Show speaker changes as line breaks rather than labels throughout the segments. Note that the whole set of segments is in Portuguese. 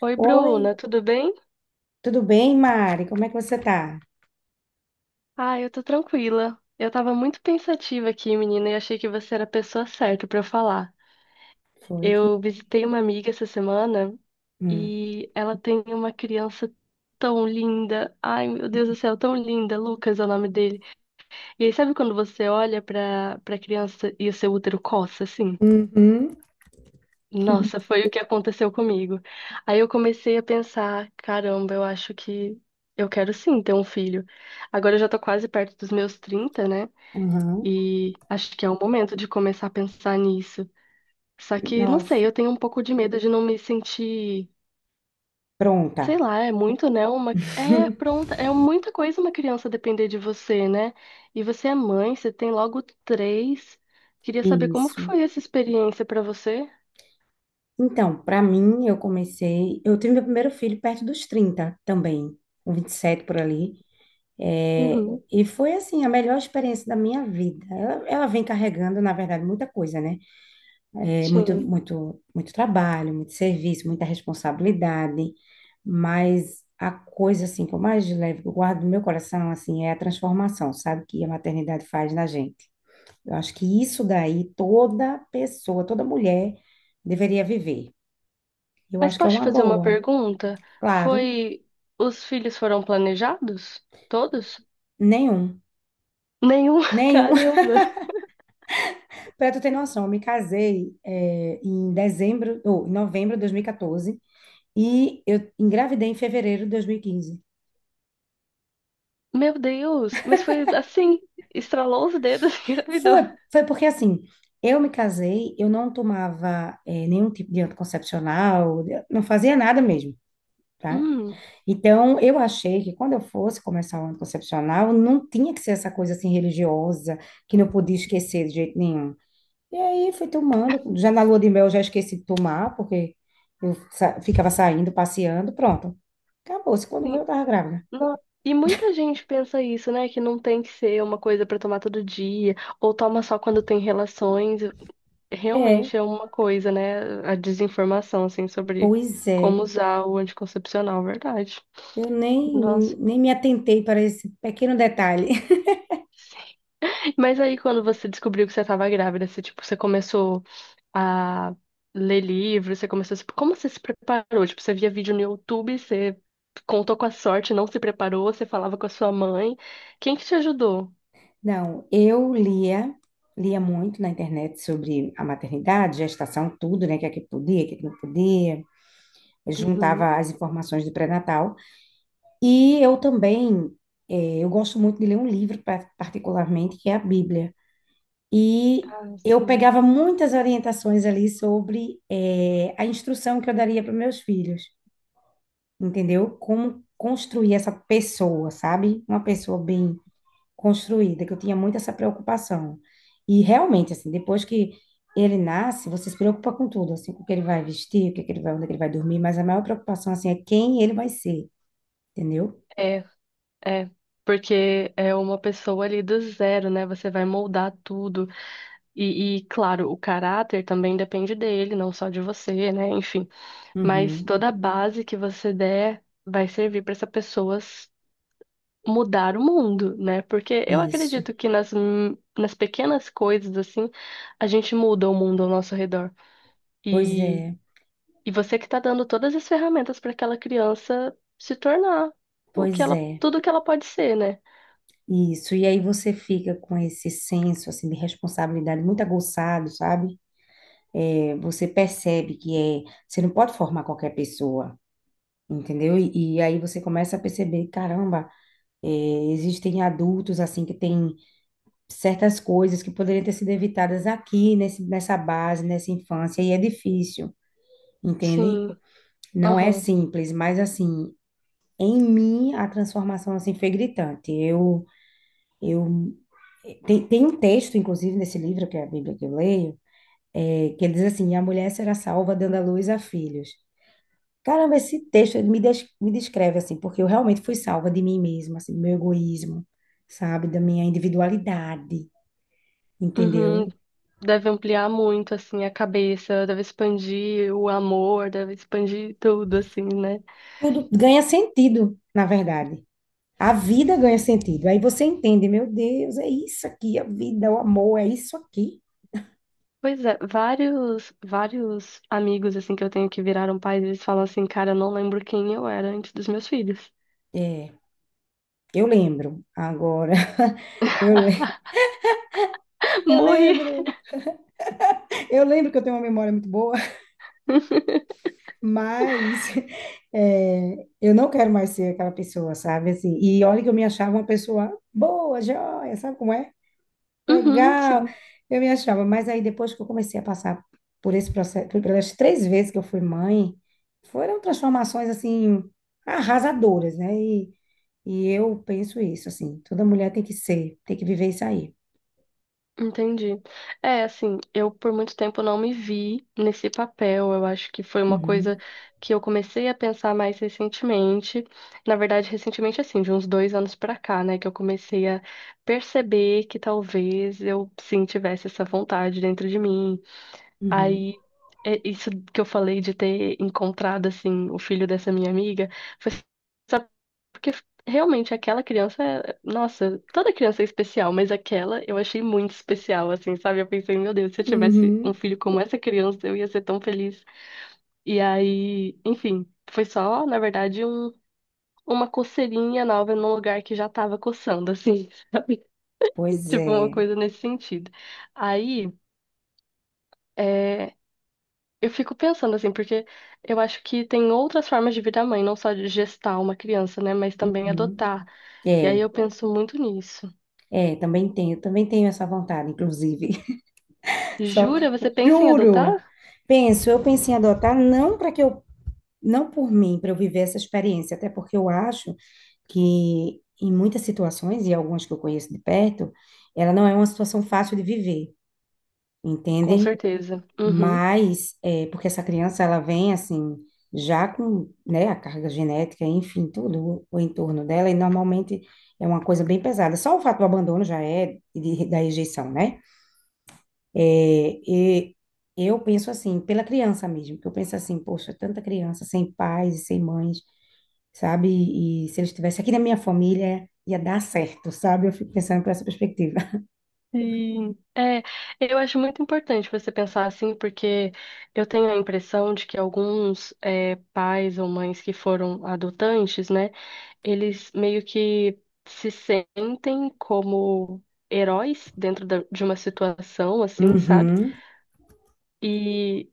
Oi,
Oi,
Bruna, tudo bem?
tudo bem, Mari? Como é que você tá?
Ah, eu tô tranquila. Eu tava muito pensativa aqui, menina, e achei que você era a pessoa certa pra eu falar.
Foi que.
Eu visitei uma amiga essa semana
Hum.
e ela tem uma criança tão linda. Ai, meu Deus do céu, tão linda. Lucas é o nome dele. E aí, sabe quando você olha pra criança e o seu útero coça, assim?
Uhum.
Nossa, foi o que aconteceu comigo. Aí eu comecei a pensar, caramba, eu acho que eu quero sim ter um filho. Agora eu já tô quase perto dos meus 30, né?
Uhum.
E acho que é o momento de começar a pensar nisso. Só que, não sei,
Nossa,
eu tenho um pouco de medo de não me sentir, sei
pronta.
lá, é muito, né? Uma, é pronta, é muita coisa uma criança depender de você, né? E você é mãe, você tem logo três. Queria saber como que
Isso.
foi essa experiência pra você?
Então, para mim, eu comecei. Eu tive meu primeiro filho perto dos 30, também, com 27 por ali. É,
Uhum,
e foi, assim, a melhor experiência da minha vida. Ela vem carregando, na verdade, muita coisa, né? É muito,
sim.
muito, muito trabalho, muito serviço, muita responsabilidade, mas a coisa assim que eu mais levo, que eu guardo no meu coração assim, é a transformação, sabe, que a maternidade faz na gente. Eu acho que isso daí toda pessoa, toda mulher deveria viver. Eu
Mas
acho que é
posso te
uma
fazer uma
boa.
pergunta?
Claro,
Foi. Os filhos foram planejados? Todos?
nenhum,
Nenhum?
nenhum.
Caramba!
Para tu ter noção, eu me casei em dezembro, ou em novembro de 2014 e eu engravidei em fevereiro de 2015.
Meu Deus! Mas foi assim, estralou os dedos e engravidou.
Foi, foi porque assim, eu me casei, eu não tomava nenhum tipo de anticoncepcional, não fazia nada mesmo, tá?
Hum,
Então, eu achei que quando eu fosse começar o anticoncepcional, não tinha que ser essa coisa assim religiosa, que não podia esquecer de jeito nenhum. E aí fui tomando, já na lua de mel eu já esqueci de tomar, porque eu ficava saindo, passeando, pronto. Acabou-se, quando veio
sim.
eu tava grávida.
Não. E muita gente pensa isso, né? Que não tem que ser uma coisa pra tomar todo dia, ou toma só quando tem relações.
É.
Realmente é uma coisa, né? A desinformação, assim, sobre
Pois
como
é,
usar o anticoncepcional, verdade.
eu nem,
Nossa.
nem me atentei para esse pequeno detalhe.
Mas aí, quando você descobriu que você estava grávida, você, tipo, você começou a ler livros, você começou a... se- Como você se preparou? Tipo, você via vídeo no YouTube, você contou com a sorte, não se preparou, você falava com a sua mãe. Quem que te ajudou?
Não, eu lia muito na internet sobre a maternidade, gestação, tudo, né? O que é que podia, o que é que não podia. Eu
Uhum.
juntava as informações do pré-natal. E eu também, eu gosto muito de ler um livro, particularmente, que é a Bíblia. E
Ah,
eu
sim.
pegava muitas orientações ali sobre, a instrução que eu daria para meus filhos, entendeu? Como construir essa pessoa, sabe? Uma pessoa bem construída, que eu tinha muito essa preocupação. E realmente, assim, depois que ele nasce, você se preocupa com tudo, assim, com o que ele vai vestir, o que que ele vai, onde que ele vai dormir, mas a maior preocupação, assim, é quem ele vai ser, entendeu?
É, é. Porque é uma pessoa ali do zero, né? Você vai moldar tudo. E, claro, o caráter também depende dele, não só de você, né? Enfim. Mas
Uhum,
toda a base que você der vai servir para essa pessoa mudar o mundo, né? Porque eu
isso.
acredito que nas pequenas coisas, assim, a gente muda o mundo ao nosso redor.
Pois
E,
é,
e você que tá dando todas as ferramentas para aquela criança se tornar o que
pois
ela,
é.
tudo que ela pode ser, né?
Isso, e aí você fica com esse senso assim de responsabilidade muito aguçado, sabe? É, você percebe que é, você não pode formar qualquer pessoa, entendeu? E aí você começa a perceber, caramba, é, existem adultos assim que têm certas coisas que poderiam ter sido evitadas aqui nesse, nessa base, nessa infância, e é difícil, entende?
Sim.
Não é
Aham.
simples, mas assim, em mim a transformação assim foi gritante. Eu tem um texto, inclusive, nesse livro, que é a Bíblia que eu leio, é, que ele diz assim: a mulher será salva dando à luz a filhos. Caramba, esse texto ele me descreve assim, porque eu realmente fui salva de mim mesma, assim, do meu egoísmo, sabe, da minha individualidade,
Uhum.
entendeu?
Deve ampliar muito, assim, a cabeça, deve expandir o amor, deve expandir tudo, assim, né?
Tudo ganha sentido, na verdade. A vida ganha sentido. Aí você entende, meu Deus, é isso aqui, a vida, o amor, é isso aqui.
Pois é, vários, vários amigos assim que eu tenho que viraram pais, eles falam assim, cara, eu não lembro quem eu era antes dos meus filhos.
É, eu lembro agora. Eu, le- eu
Morri.
lembro. Eu lembro que eu tenho uma memória muito boa. Mas é, eu não quero mais ser aquela pessoa, sabe? Assim, e olha que eu me achava uma pessoa boa, joia, sabe como é?
Uhum,
Legal,
sim,
eu me achava. Mas aí depois que eu comecei a passar por esse processo, pelas três vezes que eu fui mãe, foram transformações assim arrasadoras, né? E eu penso isso, assim, toda mulher tem que ser, tem que viver isso aí.
entendi. É, assim, eu por muito tempo não me vi nesse papel. Eu acho que foi uma
Uhum,
coisa que eu comecei a pensar mais recentemente. Na verdade, recentemente, assim, de uns 2 anos pra cá, né, que eu comecei a perceber que talvez eu sim tivesse essa vontade dentro de mim.
uhum,
Aí, é isso que eu falei de ter encontrado, assim, o filho dessa minha amiga, foi só porque realmente aquela criança, é- nossa, toda criança é especial, mas aquela eu achei muito especial, assim, sabe? Eu pensei, meu Deus, se eu tivesse um
uhum.
filho como essa criança, eu ia ser tão feliz. E aí, enfim, foi só, na verdade, uma coceirinha nova num lugar que já tava coçando, assim,
Pois
tipo, uma
é.
coisa nesse sentido. Aí. é, Eu fico pensando assim, porque eu acho que tem outras formas de virar mãe, não só de gestar uma criança, né? Mas também
Uhum.
adotar. E aí
É,
eu penso muito nisso.
é, também tenho essa vontade, inclusive. Só que,
Jura? Você pensa em adotar?
juro, penso, eu pensei em adotar não para que eu, não por mim, para eu viver essa experiência, até porque eu acho que em muitas situações, e algumas que eu conheço de perto, ela não é uma situação fácil de viver,
Com
entende?
certeza. Uhum.
Mas, é, porque essa criança, ela vem assim, já com, né, a carga genética, enfim, tudo o entorno dela, e normalmente é uma coisa bem pesada. Só o fato do abandono já é da rejeição, né? É, e eu penso assim, pela criança mesmo, que eu penso assim, poxa, tanta criança sem pais e sem mães, sabe? E, se eles estivessem aqui na minha família, ia dar certo, sabe? Eu fico pensando por essa perspectiva.
Sim. É, eu acho muito importante você pensar assim, porque eu tenho a impressão de que alguns pais ou mães que foram adotantes, né? Eles meio que se sentem como heróis dentro da- de uma situação assim, sabe?
Uhum.
E,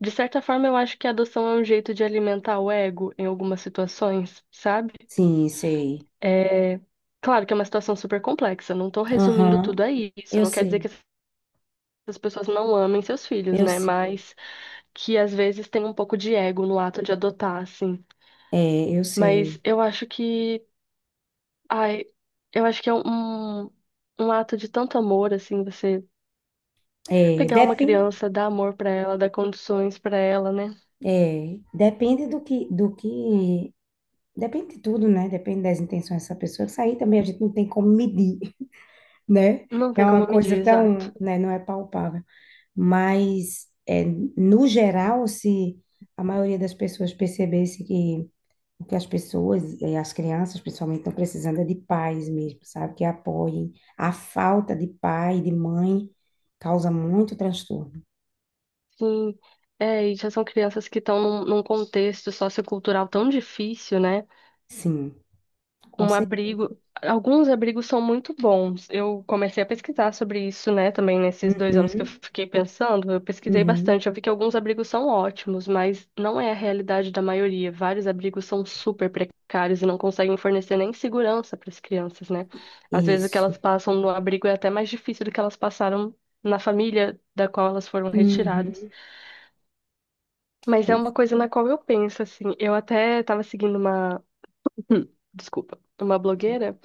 de certa forma, eu acho que a adoção é um jeito de alimentar o ego em algumas situações, sabe?
Sim, sei.
É... Claro que é uma situação super complexa, não tô resumindo
Aham,
tudo a isso,
eu
não quer dizer
sei,
que essas pessoas não amem seus filhos,
eu
né?
sei.
Mas que às vezes tem um pouco de ego no ato de adotar, assim.
É, eu
Mas
sei.
eu acho que. Ai, eu acho que é um ato de tanto amor, assim, você
É,
pegar uma
depende,
criança, dar amor pra ela, dar condições pra ela, né?
é, depende do que, depende de tudo, né? Depende das intenções dessa pessoa. Isso aí também a gente não tem como medir, né?
Não
É
tem
uma
como medir,
coisa
exato.
tão, né, não é palpável, mas é, no geral, se a maioria das pessoas percebesse que o que as pessoas, e as crianças principalmente, estão precisando é de pais mesmo, sabe? Que apoiem. A falta de pai, de mãe, causa muito transtorno.
Sim, é, e já são crianças que estão num contexto sociocultural tão difícil, né?
Sim, com
Um
certeza.
abrigo, alguns abrigos são muito bons. Eu comecei a pesquisar sobre isso, né? Também nesses 2 anos que eu
Uhum,
fiquei pensando, eu pesquisei
uhum,
bastante. Eu vi que alguns abrigos são ótimos, mas não é a realidade da maioria. Vários abrigos são super precários e não conseguem fornecer nem segurança para as crianças, né? Às vezes o que
isso.
elas passam no abrigo é até mais difícil do que elas passaram na família da qual elas foram retiradas.
Uhum.
Mas é
Pois
uma coisa na qual eu penso, assim. Eu até tava seguindo uma. Hum, Desculpa. Uma blogueira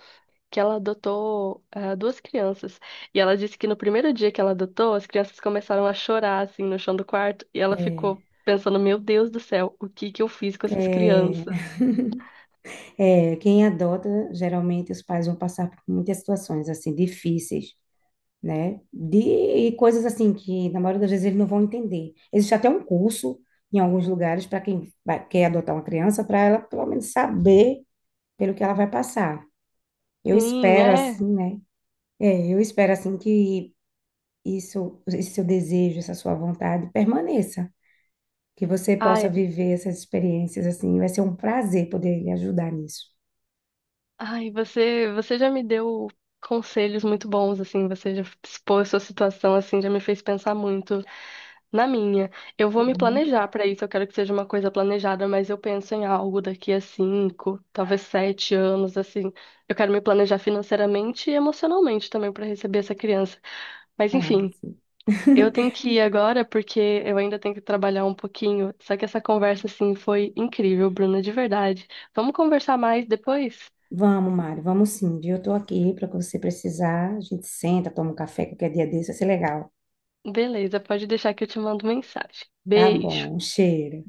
que ela adotou duas crianças. E ela disse que no primeiro dia que ela adotou, as crianças começaram a chorar, assim, no chão do quarto. E ela
é,
ficou pensando: Meu Deus do céu, o que que eu fiz com essas
é.
crianças?
É, quem adota, geralmente os pais vão passar por muitas situações assim difíceis, né? De e coisas assim que na maioria das vezes eles não vão entender. Existe até um curso em alguns lugares para quem quer adotar uma criança, para ela pelo menos saber pelo que ela vai passar. Eu
Sim,
espero
é.
assim, né? É, eu espero assim que isso, esse seu desejo, essa sua vontade permaneça, que você possa
Ai,
viver essas experiências assim. Vai ser um prazer poder lhe ajudar nisso.
Ai, você já me deu conselhos muito bons, assim, você já expôs sua situação, assim, já me fez pensar muito na minha. Eu vou me
Uhum.
planejar pra isso, eu quero que seja uma coisa planejada, mas eu penso em algo daqui a 5, talvez 7 anos, assim. Eu quero me planejar financeiramente e emocionalmente também pra receber essa criança. Mas
Ah,
enfim,
sim.
eu tenho que ir agora porque eu ainda tenho que trabalhar um pouquinho. Só que essa conversa, assim, foi incrível, Bruna, de verdade. Vamos conversar mais depois?
Vamos, Mari, vamos sim, viu? Eu tô aqui para o que você precisar. A gente senta, toma um café qualquer dia desse, vai ser legal.
Beleza, pode deixar que eu te mando mensagem.
Tá
Beijo.
bom, um cheiro.